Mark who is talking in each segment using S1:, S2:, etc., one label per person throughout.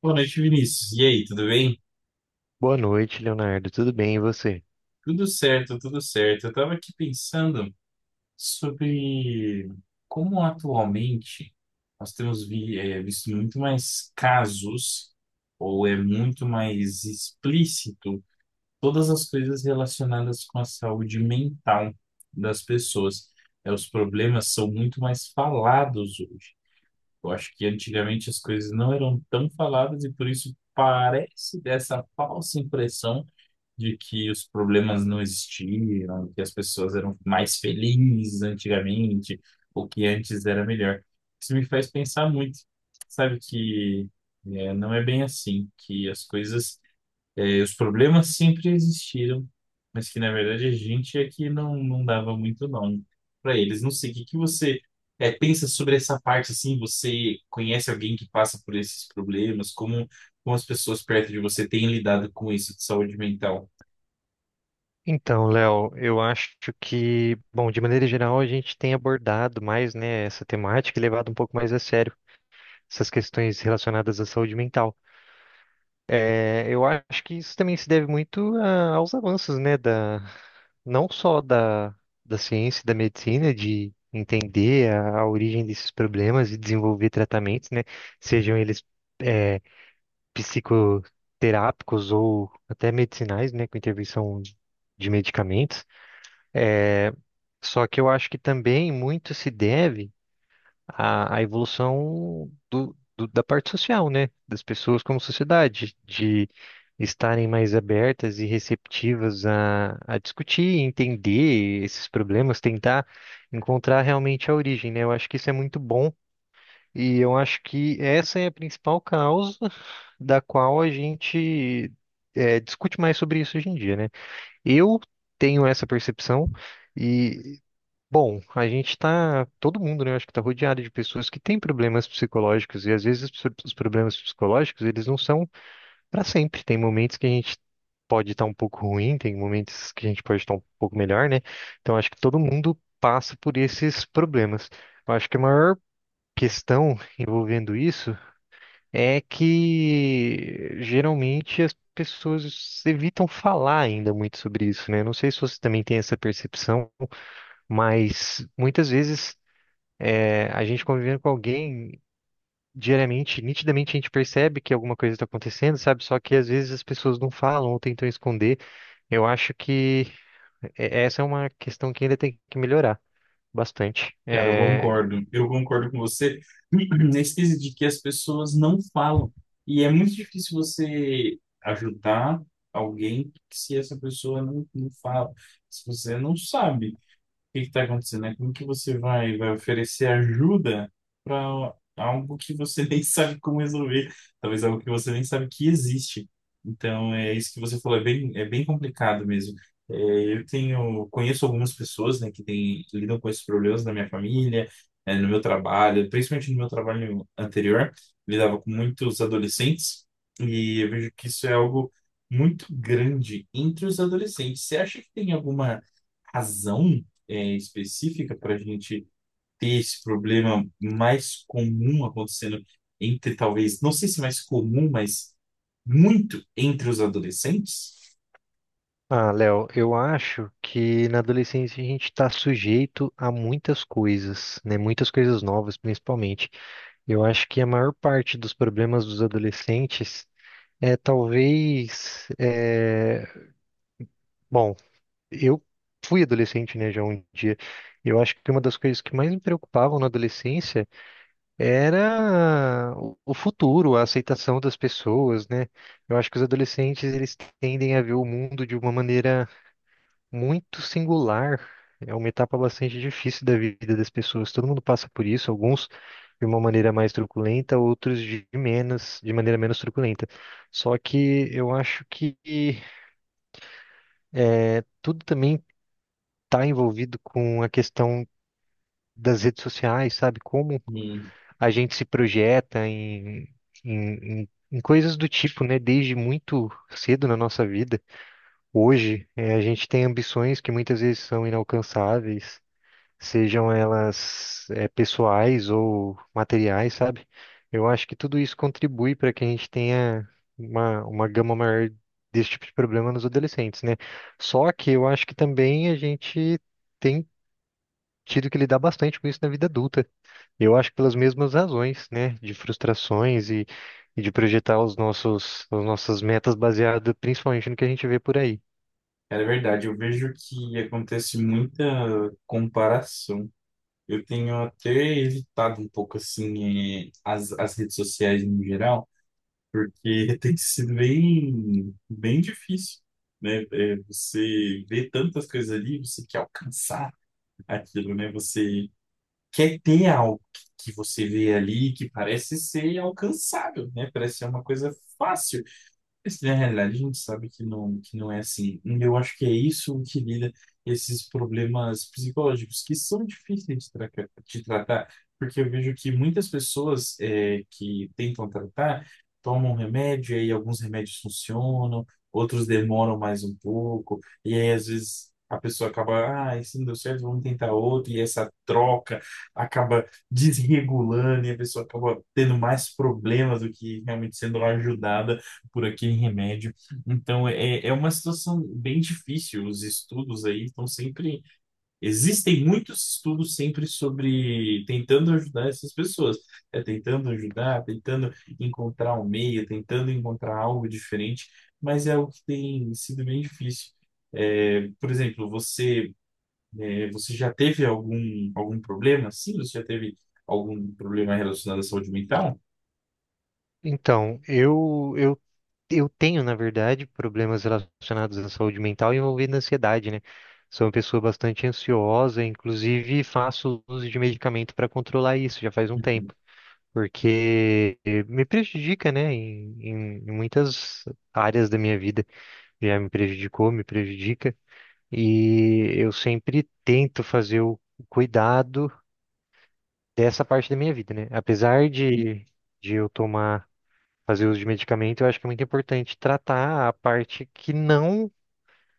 S1: Boa noite, Vinícius. E aí, tudo bem?
S2: Boa noite, Leonardo. Tudo bem, e você?
S1: Tudo certo, tudo certo. Eu estava aqui pensando sobre como atualmente nós visto muito mais casos, ou é muito mais explícito, todas as coisas relacionadas com a saúde mental das pessoas. Os problemas são muito mais falados hoje. Eu acho que antigamente as coisas não eram tão faladas e por isso parece dessa falsa impressão de que os problemas não existiam, que as pessoas eram mais felizes antigamente, ou que antes era melhor. Isso me faz pensar muito, sabe, que é, não é bem assim, que as coisas, é, os problemas sempre existiram, mas que na verdade a gente é que não dava muito nome para eles. Não sei, o que que você é, pensa sobre essa parte, assim, você conhece alguém que passa por esses problemas, como, como as pessoas perto de você têm lidado com isso de saúde mental?
S2: Então, Léo, eu acho que, bom, de maneira geral, a gente tem abordado mais, né, essa temática e levado um pouco mais a sério essas questões relacionadas à saúde mental. Eu acho que isso também se deve muito aos avanços, né, da, não só da, da ciência e da medicina, de entender a origem desses problemas e desenvolver tratamentos, né, sejam eles. é, Psicoterápicos ou até medicinais, né, com intervenção de medicamentos. É, Só que eu acho que também muito se deve à evolução da parte social, né, das pessoas como sociedade, de estarem mais abertas e receptivas a discutir, entender esses problemas, tentar encontrar realmente a origem, né? Eu acho que isso é muito bom e eu acho que essa é a principal causa da qual a gente discute mais sobre isso hoje em dia, né? Eu tenho essa percepção e, bom, a gente está, todo mundo, né? eu Acho que está rodeado de pessoas que têm problemas psicológicos e às vezes os problemas psicológicos eles não são para sempre. Tem momentos que a gente pode estar um pouco ruim, tem momentos que a gente pode estar um pouco melhor, né? Então acho que todo mundo passa por esses problemas. Eu acho que a maior questão envolvendo isso é que geralmente as pessoas evitam falar ainda muito sobre isso, né? Não sei se você também tem essa percepção, mas muitas vezes a gente convivendo com alguém diariamente, nitidamente a gente percebe que alguma coisa está acontecendo, sabe? Só que às vezes as pessoas não falam ou tentam esconder. Eu acho que essa é uma questão que ainda tem que melhorar bastante.
S1: Cara, eu concordo. Eu concordo com você nesse quesito de que as pessoas não falam. E é muito difícil você ajudar alguém se essa pessoa não fala, se você não sabe que está acontecendo, né? Como que você vai oferecer ajuda para algo que você nem sabe como resolver? Talvez algo que você nem sabe que existe. Então, é isso que você falou, é bem complicado mesmo. É, eu tenho, conheço algumas pessoas, né, que têm, que lidam com esses problemas na minha família, é, no meu trabalho, principalmente no meu trabalho anterior, lidava com muitos adolescentes, e eu vejo que isso é algo muito grande entre os adolescentes. Você acha que tem alguma razão é, específica para a gente ter esse problema mais comum acontecendo entre, talvez, não sei se mais comum, mas muito entre os adolescentes.
S2: Ah, Léo, eu acho que na adolescência a gente está sujeito a muitas coisas, né? Muitas coisas novas, principalmente. Eu acho que a maior parte dos problemas dos adolescentes é bom, eu fui adolescente, né, já um dia. Eu acho que uma das coisas que mais me preocupavam na adolescência era o futuro, a aceitação das pessoas, né? Eu acho que os adolescentes eles tendem a ver o mundo de uma maneira muito singular. É uma etapa bastante difícil da vida das pessoas. Todo mundo passa por isso, alguns de uma maneira mais truculenta, outros de menos, de maneira menos truculenta. Só que eu acho que tudo também está envolvido com a questão das redes sociais, sabe? Como
S1: E,
S2: a gente se projeta em coisas do tipo, né? Desde muito cedo na nossa vida. Hoje, a gente tem ambições que muitas vezes são inalcançáveis. Sejam elas pessoais ou materiais, sabe? Eu acho que tudo isso contribui para que a gente tenha uma gama maior desse tipo de problema nos adolescentes, né? Só que eu acho que também a gente tem tido que lidar bastante com isso na vida adulta. Eu acho que pelas mesmas razões, né? De frustrações e de projetar as nossas metas baseadas principalmente no que a gente vê por aí.
S1: cara, é verdade, eu vejo que acontece muita comparação. Eu tenho até evitado um pouco, assim, as, as redes sociais no geral, porque tem sido bem, bem difícil. Né? Você vê tantas coisas ali, você quer alcançar aquilo, né? Você quer ter algo que você vê ali que parece ser alcançável, né? Parece ser uma coisa fácil. Esse, na realidade, a gente sabe que não é assim. E eu acho que é isso que lida esses problemas psicológicos, que são difíceis de, tra de tratar, porque eu vejo que muitas pessoas é, que tentam tratar tomam remédio, e aí alguns remédios funcionam, outros demoram mais um pouco, e aí às vezes a pessoa acaba, ah, esse não deu certo, vamos tentar outro, e essa troca acaba desregulando, e a pessoa acaba tendo mais problemas do que realmente sendo ajudada por aquele remédio. Então, é, é uma situação bem difícil. Os estudos aí estão sempre. Existem muitos estudos sempre sobre tentando ajudar essas pessoas. É, tentando ajudar, tentando encontrar um meio, tentando encontrar algo diferente, mas é algo que tem sido bem difícil. É, por exemplo, você, é, você já teve algum, algum problema? Sim, você já teve algum problema relacionado à saúde mental?
S2: Então, eu tenho, na verdade, problemas relacionados à saúde mental envolvendo ansiedade, né? Sou uma pessoa bastante ansiosa, inclusive faço uso de medicamento para controlar isso já faz um tempo, porque me prejudica, né? Em muitas áreas da minha vida já me prejudicou, me prejudica, e eu sempre tento fazer o cuidado dessa parte da minha vida, né? Apesar de eu tomar fazer uso de medicamento, eu acho que é muito importante tratar a parte que não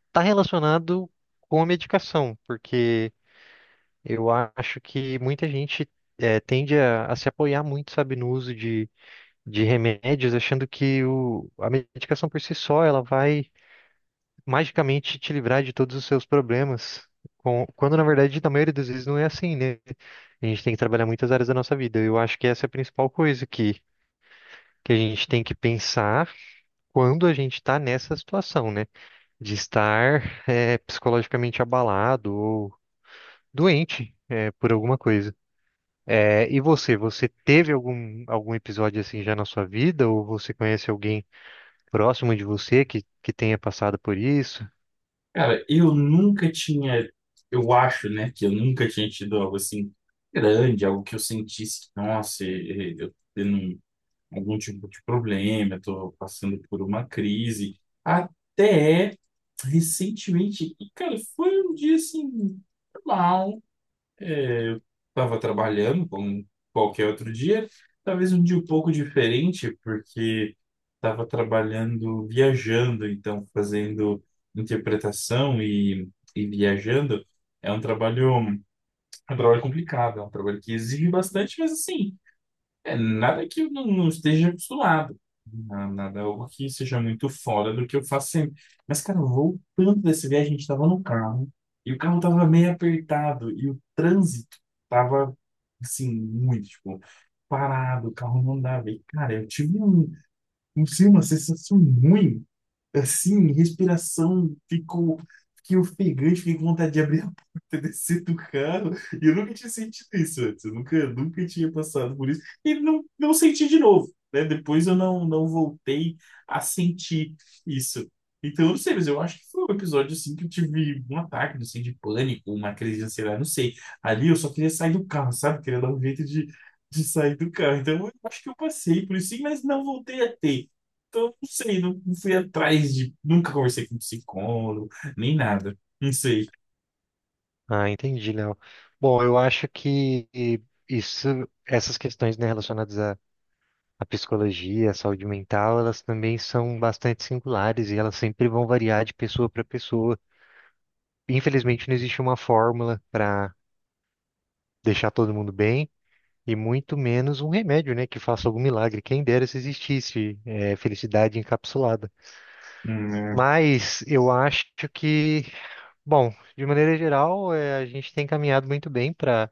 S2: está relacionado com a medicação, porque eu acho que muita gente tende a se apoiar muito, sabe, no uso de remédios, achando que a medicação por si só ela vai magicamente te livrar de todos os seus problemas. Quando, na verdade, na maioria das vezes não é assim, né? A gente tem que trabalhar muitas áreas da nossa vida. Eu acho que essa é a principal coisa que a gente tem que pensar quando a gente está nessa situação, né? De estar psicologicamente abalado ou doente por alguma coisa. É, e você, você teve algum episódio assim já na sua vida? Ou você conhece alguém próximo de você que tenha passado por isso?
S1: Cara, eu nunca tinha, eu acho, né, que eu nunca tinha tido algo assim grande, algo que eu sentisse, nossa, eu tô tendo um- algum tipo de problema, eu tô passando por uma crise, até recentemente, e, cara, foi um dia assim, normal, estava trabalhando como qualquer outro dia, talvez um dia um pouco diferente, porque estava trabalhando viajando, então fazendo interpretação e viajando. É um trabalho, é um trabalho complicado, é um trabalho que exige bastante, mas assim, é, nada que eu não esteja acostumado. Na- Nada, é algo que seja muito fora do que eu faço sempre. Mas, cara, voltando dessa viagem, a gente tava no carro e o carro tava meio apertado e o trânsito tava, assim, muito, tipo, parado, o carro não dava. E, cara, eu tive um, um, sim, uma sensação ruim assim, respiração, ficou, fiquei ofegante, fiquei com vontade de abrir a porta, descer do carro, e eu nunca tinha sentido isso antes, eu nunca, nunca tinha passado por isso, e não senti de novo, né? Depois eu não voltei a sentir isso. Então, eu não sei, mas eu acho que foi um episódio assim que eu tive um ataque, não sei, de pânico, uma crise de ansiedade, não sei. Ali eu só queria sair do carro, sabe? Queria dar um jeito de sair do carro. Então, eu acho que eu passei por isso, sim, mas não voltei a ter. Então, não sei, não, não fui atrás de. Nunca conversei com psicólogo, nem nada. Não sei.
S2: Ah, entendi, Léo. Bom, eu acho que isso, essas questões, né, relacionadas à psicologia, à saúde mental, elas também são bastante singulares e elas sempre vão variar de pessoa para pessoa. Infelizmente, não existe uma fórmula para deixar todo mundo bem e muito menos um remédio, né, que faça algum milagre. Quem dera se existisse, é, felicidade encapsulada.
S1: É,
S2: Mas eu acho que, bom, de maneira geral, a gente tem caminhado muito bem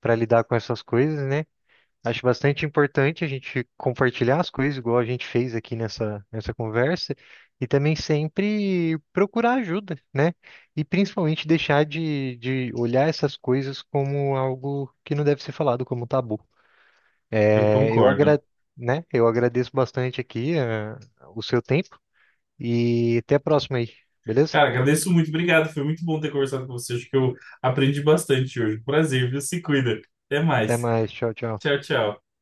S2: para lidar com essas coisas, né? Acho bastante importante a gente compartilhar as coisas, igual a gente fez aqui nessa conversa, e também sempre procurar ajuda, né? E principalmente deixar de olhar essas coisas como algo que não deve ser falado, como tabu.
S1: eu
S2: É, eu
S1: concordo.
S2: agra, né? Eu agradeço bastante aqui, ah, o seu tempo e até a próxima aí, beleza?
S1: Cara, agradeço muito, obrigado. Foi muito bom ter conversado com você. Acho que eu aprendi bastante hoje. Prazer, viu? Se cuida. Até
S2: Até
S1: mais.
S2: mais, tchau, tchau.
S1: Tchau, tchau.